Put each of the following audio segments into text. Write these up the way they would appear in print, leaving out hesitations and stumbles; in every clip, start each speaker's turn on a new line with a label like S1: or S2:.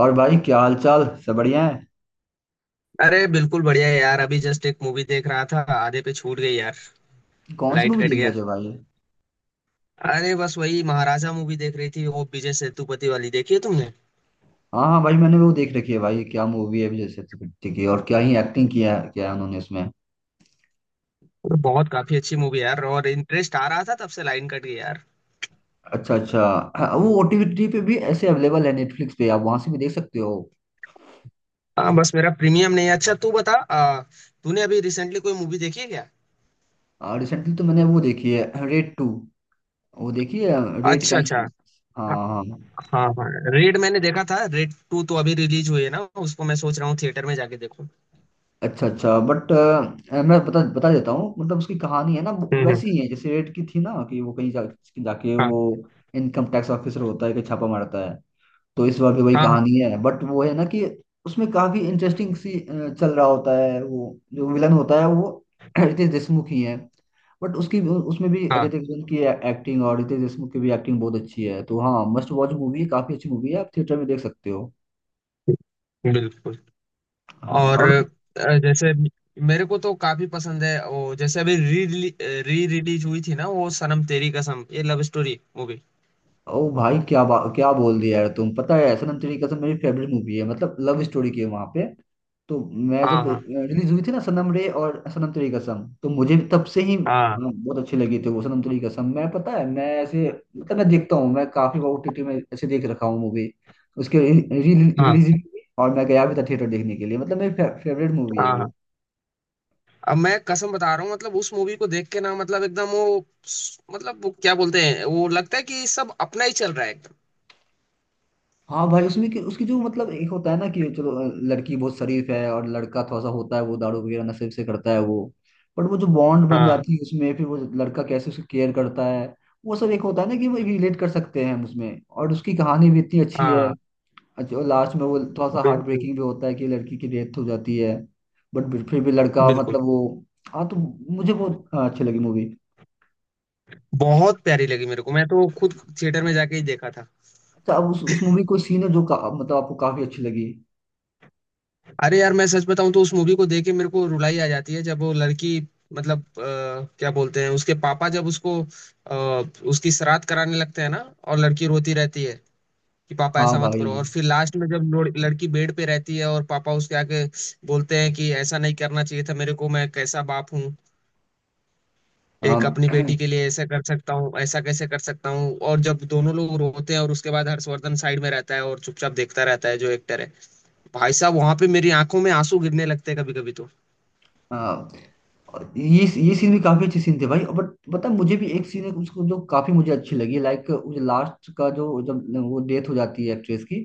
S1: और भाई क्या हाल चाल? सब बढ़िया है।
S2: अरे बिल्कुल बढ़िया है यार। अभी जस्ट एक मूवी देख रहा था आधे पे छूट गई यार।
S1: कौन सी
S2: लाइट
S1: मूवी
S2: कट
S1: देख रहे
S2: गया।
S1: थे, भाई?
S2: अरे बस वही महाराजा मूवी देख रही थी, वो विजय सेतुपति वाली, देखी है तुमने?
S1: हाँ हाँ भाई, मैंने वो देख रखी है। भाई क्या मूवी है विजय सेतुपति की, और क्या ही एक्टिंग किया है, क्या है उन्होंने उसमें।
S2: अरे बहुत काफी अच्छी मूवी यार, और इंटरेस्ट आ रहा था तब से लाइन कट गई यार।
S1: अच्छा अच्छा। हाँ, वो ओटीटी पे भी ऐसे अवेलेबल है, नेटफ्लिक्स पे आप वहां से भी देख सकते हो।
S2: हाँ बस मेरा प्रीमियम नहीं है। अच्छा तू बता तूने अभी रिसेंटली कोई मूवी देखी है क्या?
S1: रिसेंटली तो मैंने वो देखी है, रेड टू। वो देखी है रेड का
S2: अच्छा
S1: ही।
S2: अच्छा। हाँ
S1: हाँ हाँ।
S2: हाँ। हाँ रेड मैंने देखा था, रेड टू तो अभी रिलीज हुई है ना, उसको मैं सोच रहा हूँ थिएटर में जाके देखूं।
S1: अच्छा अच्छा, बट मैं बता बता देता हूँ, मतलब उसकी कहानी है ना वो
S2: हम्म हम्म,
S1: वैसी ही है जैसे रेड की थी ना, कि वो कहीं जाके
S2: हाँ
S1: वो इनकम टैक्स ऑफिसर होता है कि छापा मारता है। तो इस बार भी वही
S2: हाँ हाँ
S1: कहानी है, बट वो है ना कि उसमें काफी इंटरेस्टिंग सी चल रहा होता है। वो जो विलन होता है वो रितेश देशमुख ही है। बट उसकी उसमें भी अजय
S2: हाँ
S1: देवगन की एक्टिंग और रितेश देशमुख की भी एक्टिंग बहुत अच्छी है। तो हाँ, मस्ट वॉच मूवी है, काफी अच्छी मूवी है, आप थिएटर में देख सकते हो।
S2: बिल्कुल।
S1: हाँ
S2: और
S1: और।
S2: जैसे मेरे को तो काफी पसंद है वो, जैसे अभी री री रिलीज हुई थी ना वो सनम तेरी कसम, ये लव स्टोरी मूवी।
S1: ओ भाई, क्या क्या बोल दिया यार तुम, पता है सनम तेरी कसम मेरी फेवरेट मूवी है। मतलब लव स्टोरी की है वहां पे। तो मैं
S2: हाँ
S1: जब
S2: हाँ
S1: रिलीज हुई थी ना, सनम रे और सनम तेरी कसम, तो मुझे भी तब से ही
S2: हाँ।
S1: बहुत अच्छी लगी थी वो सनम तेरी कसम। मैं, पता है, मैं ऐसे, मतलब मैं देखता हूँ, मैं काफी बार ओटीटी में ऐसे देख रखा हूँ मूवी। उसके
S2: हाँ
S1: रिलीज भी हुई और मैं गया भी था थिएटर देखने के लिए, मतलब मेरी फेवरेट मूवी है
S2: हाँ
S1: वो।
S2: हाँ। अब मैं कसम बता रहा हूँ, मतलब उस मूवी को देख के ना मतलब एकदम वो, मतलब वो क्या बोलते हैं, वो लगता है कि सब अपना ही चल रहा है एकदम।
S1: हाँ भाई, उसमें कि उसकी जो, मतलब एक होता है ना कि चलो लड़की बहुत शरीफ है, और लड़का थोड़ा सा होता है वो, दारू वगैरह नशे से करता है वो। बट वो जो बॉन्ड बन
S2: हाँ।
S1: जाती है उसमें, फिर वो लड़का कैसे उसकी केयर करता है, वो सब एक होता है ना कि वो रिलेट कर सकते हैं हम उसमें, और उसकी कहानी भी इतनी अच्छी है।
S2: हाँ
S1: अच्छा, और लास्ट में वो थोड़ा सा हार्ट
S2: बिल्कुल
S1: ब्रेकिंग भी होता है कि लड़की की डेथ हो जाती है। बट फिर भी लड़का,
S2: बिल्कुल।
S1: मतलब वो। हाँ तो मुझे बहुत अच्छी लगी मूवी।
S2: बहुत प्यारी लगी मेरे को, मैं तो खुद थिएटर में जाके ही देखा था।
S1: अच्छा, अब उस मूवी कोई सीन है जो मतलब आपको काफी अच्छी लगी?
S2: अरे यार मैं सच बताऊं तो उस मूवी को देख के मेरे को रुलाई आ जाती है, जब वो लड़की, मतलब क्या बोलते हैं उसके पापा जब उसको उसकी श्राद्ध कराने लगते हैं ना, और लड़की रोती रहती है कि पापा
S1: हाँ
S2: ऐसा मत करो,
S1: भाई।
S2: और फिर लास्ट में जब लड़की बेड पे रहती है और पापा उसके आके बोलते हैं कि ऐसा नहीं करना चाहिए था, मेरे को मैं कैसा बाप हूँ, एक अपनी
S1: हाँ।
S2: बेटी के लिए ऐसा कर सकता हूँ, ऐसा कैसे कर सकता हूँ, और जब दोनों लोग रोते हैं और उसके बाद हर्षवर्धन साइड में रहता है और चुपचाप देखता रहता है, जो एक्टर है, भाई साहब वहां पे मेरी आंखों में आंसू गिरने लगते हैं कभी कभी तो।
S1: और ये सीन भी काफी अच्छे सीन थे भाई, बट पता है, मुझे भी एक सीन है उसको जो काफी मुझे अच्छी लगी। लाइक मुझे लास्ट का जो, जब वो डेथ हो जाती है एक्ट्रेस की,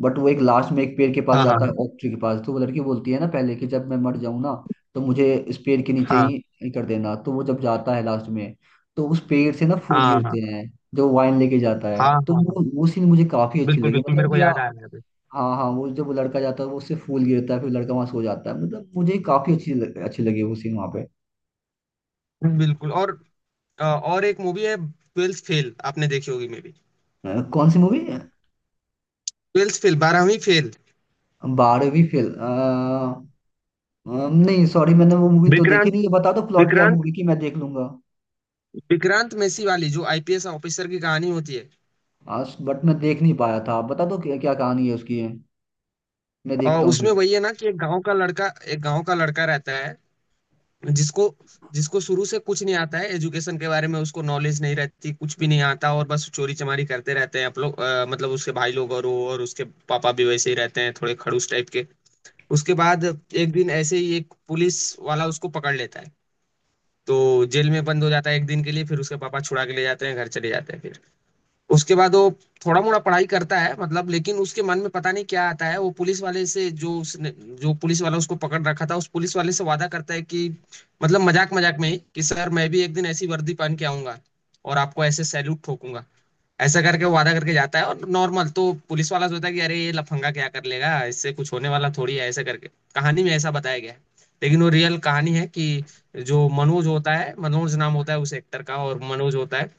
S1: बट वो एक लास्ट में एक पेड़ के पास
S2: हाँ
S1: जाता है,
S2: हाँ
S1: ओक ट्री के पास। तो वो लड़की बोलती है ना पहले कि जब मैं मर जाऊं ना तो मुझे इस पेड़ के नीचे
S2: हाँ
S1: ही कर देना। तो वो जब जाता है लास्ट में तो उस पेड़ से ना फूल
S2: हाँ। हाँ
S1: गिरते हैं, जो वाइन लेके जाता है,
S2: हाँ
S1: तो
S2: हाँ हाँ
S1: वो सीन मुझे काफी अच्छी
S2: बिल्कुल
S1: लगी,
S2: बिल्कुल, मेरे
S1: मतलब
S2: को
S1: कि या।
S2: याद आ रहा है।
S1: हाँ हाँ, वो जब वो लड़का जाता है वो उससे फूल गिरता है, फिर लड़का वहां सो जाता है, मतलब मुझे काफी अच्छी लगी वो सीन वहां पे।
S2: अभी बिल्कुल। और और एक मूवी है ट्वेल्थ फेल, आपने देखी होगी मे बी।
S1: कौन सी मूवी?
S2: ट्वेल्थ फेल, बारहवीं फेल।
S1: बारहवीं फेल। नहीं सॉरी, मैंने वो मूवी तो देखी
S2: विक्रांत
S1: नहीं है। बता दो प्लॉट क्या
S2: विक्रांत
S1: मूवी की, मैं देख लूंगा।
S2: विक्रांत मेसी वाली, जो आईपीएस ऑफिसर की कहानी होती है।
S1: आज बट मैं देख नहीं पाया था, आप बता दो क्या क्या कहानी है उसकी है, मैं देखता
S2: और
S1: हूँ
S2: उसमें
S1: फिर।
S2: वही है ना कि एक गांव का लड़का रहता है, जिसको जिसको शुरू से कुछ नहीं आता है, एजुकेशन के बारे में उसको नॉलेज नहीं रहती, कुछ भी नहीं आता, और बस चोरी चमारी करते रहते हैं आप लोग मतलब उसके भाई लोग, और वो और उसके पापा भी वैसे ही रहते हैं, थोड़े खड़ूस टाइप के। उसके बाद एक दिन ऐसे ही एक पुलिस वाला उसको पकड़ लेता है, तो जेल में बंद हो जाता है एक दिन के लिए, फिर उसके पापा छुड़ा के ले जाते हैं घर, चले जाते हैं फिर। उसके बाद वो थोड़ा मोड़ा पढ़ाई करता है मतलब, लेकिन उसके मन में पता नहीं क्या आता है, वो पुलिस वाले से जो उसने, जो पुलिस वाला उसको पकड़ रखा था, उस पुलिस वाले से वादा करता है कि, मतलब मजाक मजाक में ही कि सर मैं भी एक दिन ऐसी वर्दी पहन के आऊंगा और आपको ऐसे सैल्यूट ठोकूंगा, ऐसा करके वो वादा करके जाता है। और नॉर्मल तो पुलिस वाला सोचता है कि अरे ये लफंगा क्या कर लेगा, इससे कुछ होने वाला थोड़ी है, ऐसा करके कहानी में ऐसा बताया गया है। लेकिन वो रियल कहानी है कि जो मनोज होता है, मनोज नाम होता है उस एक्टर का, और मनोज होता है,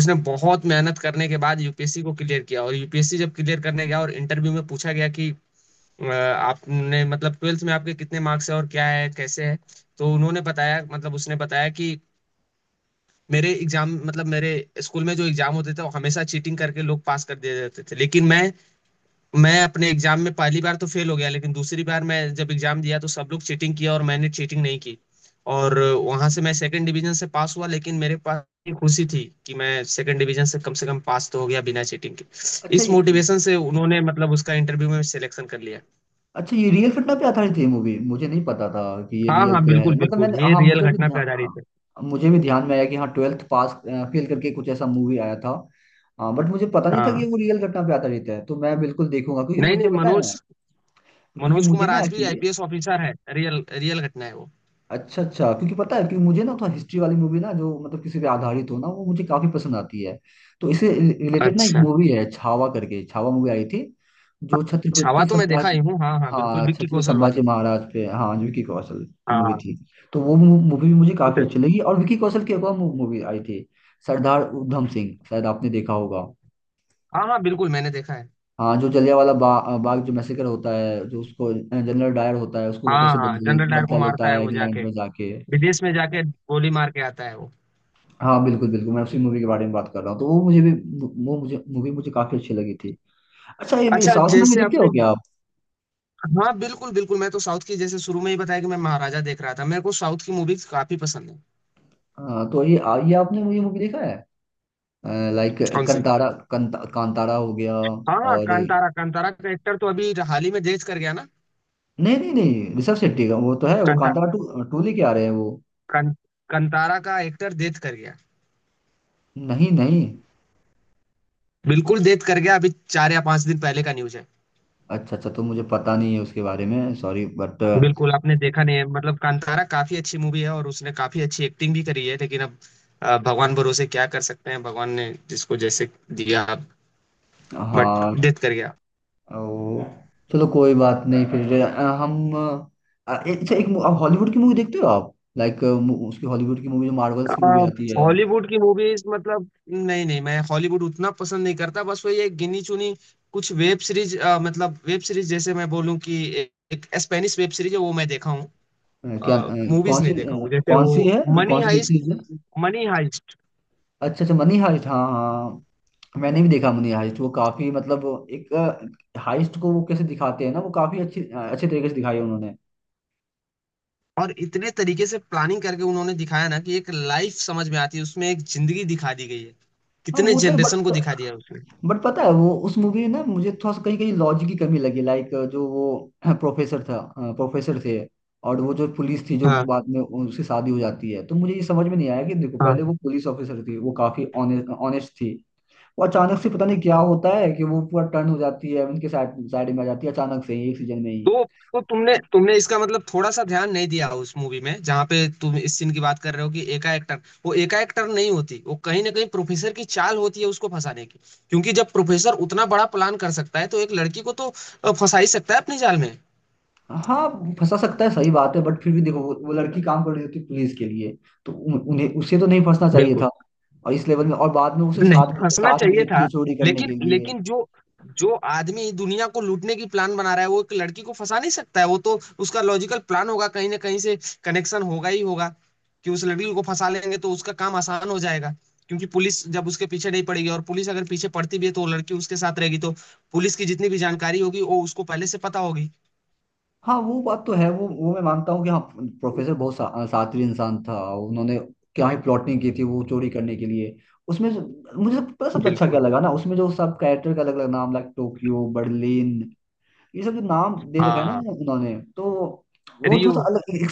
S2: उसने बहुत मेहनत करने के बाद यूपीएससी को क्लियर किया, और यूपीएससी जब क्लियर करने गया और इंटरव्यू में पूछा गया कि आपने, मतलब ट्वेल्थ में आपके कितने मार्क्स है, और क्या है कैसे है, तो उन्होंने बताया, मतलब उसने बताया कि मेरे एग्जाम, मतलब मेरे स्कूल में जो एग्जाम होते थे वो हमेशा चीटिंग करके लोग पास कर दिए जाते थे, लेकिन मैं अपने एग्जाम में पहली बार तो फेल हो गया, लेकिन दूसरी बार मैं जब एग्जाम दिया तो सब लोग चीटिंग किया और मैंने चीटिंग नहीं की, और वहां से मैं सेकंड डिवीजन से पास हुआ, लेकिन मेरे पास ये खुशी थी कि मैं सेकंड डिवीजन से कम पास तो हो गया बिना चीटिंग के।
S1: अच्छा
S2: इस
S1: ये,
S2: मोटिवेशन से उन्होंने, मतलब उसका इंटरव्यू में सिलेक्शन कर लिया।
S1: अच्छा ये रियल घटना पे आधारित है मूवी, मुझे नहीं पता था कि ये
S2: हाँ
S1: रियल
S2: हाँ
S1: पे है।
S2: बिल्कुल
S1: मतलब मैंने,
S2: बिल्कुल, ये
S1: हाँ
S2: रियल
S1: मुझे भी
S2: घटना पे आधारित
S1: ध्यान,
S2: है।
S1: मुझे भी ध्यान में आया कि हाँ ट्वेल्थ पास फेल करके कुछ ऐसा मूवी आया था। हाँ बट मुझे पता नहीं था कि
S2: हाँ।
S1: वो रियल घटना पे आधारित है, तो मैं बिल्कुल देखूंगा, क्योंकि
S2: नहीं
S1: मुझे
S2: नहीं,
S1: पता
S2: मनोज,
S1: है। क्योंकि
S2: मनोज
S1: मुझे
S2: कुमार
S1: ना
S2: आज भी
S1: एक्चुअली,
S2: आईपीएस ऑफिसर है, रियल रियल घटना है वो।
S1: अच्छा अच्छा, क्योंकि पता है कि मुझे ना थोड़ा हिस्ट्री वाली मूवी ना, जो मतलब किसी पे आधारित हो ना, वो मुझे काफी पसंद आती है। तो इससे रिलेटेड ना एक
S2: अच्छा,
S1: मूवी है, छावा करके छावा मूवी आई थी, जो
S2: छावा
S1: छत्रपति
S2: तो मैं देखा
S1: संभाजी।
S2: ही हूँ, हाँ हाँ बिल्कुल,
S1: हाँ,
S2: विक्की
S1: छत्रपति
S2: कौशल
S1: संभाजी
S2: वाली।
S1: महाराज पे, हाँ, जो विकी कौशल की मूवी
S2: हाँ।
S1: थी। तो वो मूवी भी मुझे काफी अच्छी लगी, और विकी कौशल की एक और मूवी आई थी सरदार उधम सिंह, शायद आपने देखा होगा।
S2: हाँ हाँ बिल्कुल मैंने देखा है।
S1: हाँ, जो जलियांवाला बाग जो मैसेकर होता है, जो उसको जनरल डायर होता है, उसको वो
S2: हाँ
S1: कैसे
S2: हाँ
S1: बदले
S2: जनरल डायर को
S1: बदला लेता
S2: मारता है
S1: है
S2: वो
S1: इंग्लैंड
S2: जाके,
S1: में जाके।
S2: विदेश में जाके गोली मार के आता है वो।
S1: हाँ बिल्कुल बिल्कुल मैं उसी मूवी के बारे में बात कर रहा हूँ। तो वो मुझे भी, वो मुझे मूवी मुझे काफी अच्छी लगी थी। अच्छा, ये
S2: अच्छा।
S1: साउथ मूवी
S2: जैसे
S1: देखते हो
S2: आपने,
S1: क्या आप?
S2: हाँ बिल्कुल बिल्कुल, मैं तो साउथ की, जैसे शुरू में ही बताया कि मैं महाराजा देख रहा था, मेरे को साउथ की मूवीज काफी पसंद है।
S1: तो ये ये आपने मुझे मूवी देखा है, लाइक
S2: कौन सी?
S1: कंतारा कांतारा हो गया?
S2: हाँ हाँ
S1: और नहीं,
S2: कांतारा, कांतारा का एक्टर तो अभी हाल ही में डेथ कर गया ना।
S1: नहीं नहीं, ऋषभ शेट्टी का वो तो है, वो
S2: कांता
S1: कांतारा टू टू लेके आ रहे हैं वो।
S2: कां, कांतारा का एक्टर डेथ कर गया।
S1: नहीं नहीं।
S2: बिल्कुल डेथ कर गया, अभी 4 या 5 दिन पहले का न्यूज है।
S1: अच्छा अच्छा, तो मुझे पता नहीं है उसके बारे में, सॉरी, बट।
S2: बिल्कुल। आपने देखा नहीं है मतलब? कांतारा काफी अच्छी मूवी है और उसने काफी अच्छी एक्टिंग भी करी है, लेकिन अब भगवान भरोसे क्या कर सकते हैं, भगवान ने जिसको जैसे दिया, बट
S1: हाँ।
S2: डेथ कर गया।
S1: ओ, चलो कोई बात नहीं, फिर हम अच्छा, एक आप हॉलीवुड की मूवी देखते हो आप, लाइक उसकी हॉलीवुड की मूवी जो मार्वल्स
S2: अ,
S1: की मूवी आती है?
S2: हॉलीवुड की मूवीज मतलब, नहीं नहीं मैं हॉलीवुड उतना पसंद नहीं करता, बस वही एक गिनी चुनी कुछ वेब सीरीज, मतलब वेब सीरीज, जैसे मैं बोलूं कि एक स्पेनिश वेब सीरीज है वो मैं देखा
S1: क्या?
S2: हूँ,
S1: कौन
S2: मूवीज
S1: सी?
S2: नहीं देखा हूँ, जैसे
S1: कौन सी
S2: वो
S1: है?
S2: मनी
S1: कौन सी वेब
S2: हाइस्ट।
S1: सीरीज है?
S2: Money heist.
S1: अच्छा अच्छा, मनी हाइस्ट, हाँ हाँ हाँ। मैंने भी देखा मनी हाइस्ट, वो काफी मतलब एक हाइस्ट को वो कैसे दिखाते हैं ना, वो काफी अच्छी अच्छे तरीके से दिखाई है उन्होंने।
S2: और इतने तरीके से प्लानिंग करके उन्होंने दिखाया ना कि एक लाइफ समझ में आती है उसमें, एक जिंदगी दिखा दी गई है,
S1: हाँ
S2: कितने
S1: वो तो,
S2: जनरेशन को दिखा दिया है उसमें।
S1: बट पता है वो उस मूवी में ना मुझे थोड़ा सा कहीं कहीं लॉजिक की कमी लगी। लाइक जो वो प्रोफेसर था, प्रोफेसर थे, और वो जो पुलिस थी जो
S2: हाँ
S1: बाद में उसकी शादी हो जाती है, तो मुझे ये समझ में नहीं आया कि देखो
S2: हाँ।
S1: पहले वो पुलिस ऑफिसर थी, वो काफी ऑनेस्ट थी। वो अचानक से पता नहीं क्या होता है कि वो पूरा टर्न हो जाती है, उनके साइड साइड में आ जाती है अचानक से ही एक सीजन में ही।
S2: तो तो तुमने तुमने इसका मतलब थोड़ा सा ध्यान नहीं दिया उस मूवी में, जहाँ पे तुम इस सीन की बात कर रहे हो कि एकाएक टर्न, वो एकाएक टर्न नहीं होती, वो कहीं ना कहीं प्रोफेसर की चाल होती है उसको फंसाने की, क्योंकि जब प्रोफेसर उतना बड़ा प्लान कर सकता है तो एक लड़की को तो फंसा ही सकता है अपनी जाल में।
S1: हाँ, वो फंसा सकता है, सही बात है, बट फिर भी देखो वो लड़की काम कर रही होती पुलिस के लिए, तो उन्हें उसे तो नहीं फंसना चाहिए
S2: बिल्कुल
S1: था। और इस लेवल में, और बाद में उसे
S2: नहीं
S1: साथ
S2: फंसना
S1: साथ भी
S2: चाहिए
S1: देती है
S2: था,
S1: चोरी करने
S2: लेकिन
S1: के लिए।
S2: लेकिन जो जो आदमी दुनिया को लूटने की प्लान बना रहा है वो एक लड़की को फंसा नहीं सकता है, वो तो, उसका लॉजिकल प्लान होगा, कहीं ना कहीं से कनेक्शन होगा ही होगा कि उस लड़की को फंसा लेंगे तो उसका काम आसान हो जाएगा, क्योंकि पुलिस जब उसके पीछे नहीं पड़ेगी, और पुलिस अगर पीछे पड़ती भी है तो वो लड़की उसके साथ रहेगी, तो पुलिस की जितनी भी जानकारी होगी वो उसको पहले से पता होगी।
S1: हाँ वो बात तो है, वो मैं मानता हूँ कि हाँ प्रोफेसर बहुत शातिर इंसान था। उन्होंने क्या ही प्लॉटिंग की थी वो चोरी करने के लिए। उसमें मुझे पता सबसे अच्छा क्या
S2: बिल्कुल।
S1: लगा ना उसमें, जो सब कैरेक्टर का अलग अलग नाम, लाइक टोक्यो, बर्लिन, ये सब जो नाम दे रखा है
S2: हाँ।
S1: ना उन्होंने, तो वो थोड़ा
S2: रियो।
S1: सा अलग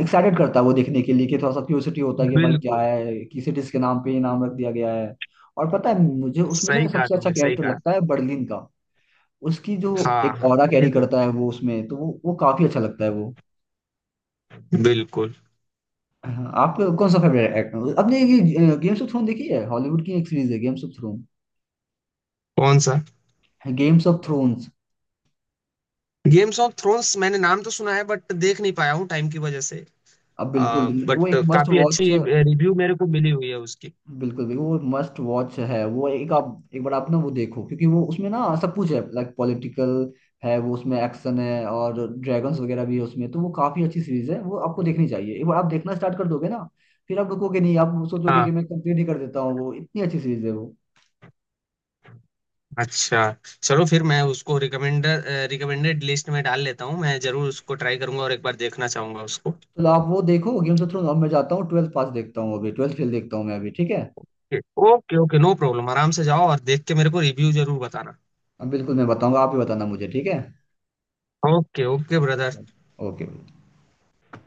S1: एक्साइटेड करता है वो देखने के लिए, कि थोड़ा सा क्यूरियोसिटी होता है कि भाई क्या
S2: बिल्कुल,
S1: है, किस डिश के नाम पे ये नाम रख दिया गया है। और पता है मुझे उसमें से
S2: सही कहा
S1: सबसे अच्छा
S2: तुमने, सही
S1: कैरेक्टर
S2: कहा।
S1: लगता है बर्लिन का। उसकी जो
S2: हाँ
S1: एक
S2: हाँ।
S1: ऑरा
S2: ये
S1: कैरी
S2: तो
S1: करता है वो उसमें, तो वो काफी अच्छा लगता है वो।
S2: है। बिल्कुल।
S1: हाँ, आपका कौन सा फेवरेट एक्टर? आपने ये गेम्स ऑफ थ्रोन देखी है, हॉलीवुड की एक सीरीज है गेम्स ऑफ थ्रोन,
S2: कौन सा?
S1: Games of thrones?
S2: Games of thrones मैंने नाम तो सुना है बट देख नहीं पाया हूँ टाइम की वजह से,
S1: अब बिल्कुल,
S2: बट
S1: वो एक मस्ट
S2: काफी अच्छी
S1: वॉच,
S2: रिव्यू मेरे को मिली हुई है उसकी।
S1: बिल्कुल बिल्कुल वो मस्ट वॉच है। वो एक आप, एक बार आप ना वो देखो, क्योंकि वो उसमें ना सब कुछ है, लाइक पॉलिटिकल है वो, उसमें एक्शन है, और ड्रैगन्स वगैरह भी है उसमें। तो वो काफी अच्छी सीरीज है, वो आपको देखनी चाहिए एक बार। आप देखना स्टार्ट कर दोगे ना, फिर आप रुकोगे नहीं, आप सोचोगे कि
S2: हाँ।
S1: मैं कंप्लीट ही कर देता हूँ, वो इतनी अच्छी सीरीज है वो।
S2: अच्छा, चलो फिर मैं उसको रिकमेंडेड लिस्ट में डाल लेता हूँ, मैं जरूर उसको ट्राई करूंगा और एक बार देखना चाहूंगा उसको।
S1: तो आप वो देखो गेम्स ऑफ थ्रोन्स, अब मैं जाता हूँ ट्वेल्थ पास देखता हूँ, अभी ट्वेल्थ फेल देखता हूँ मैं अभी, ठीक है?
S2: ओके ओके, नो प्रॉब्लम, आराम से जाओ, और देख के मेरे को रिव्यू जरूर बताना।
S1: अब बिल्कुल मैं बताऊंगा, आप ही बताना मुझे, ठीक है?
S2: Okay okay brother.
S1: ओके।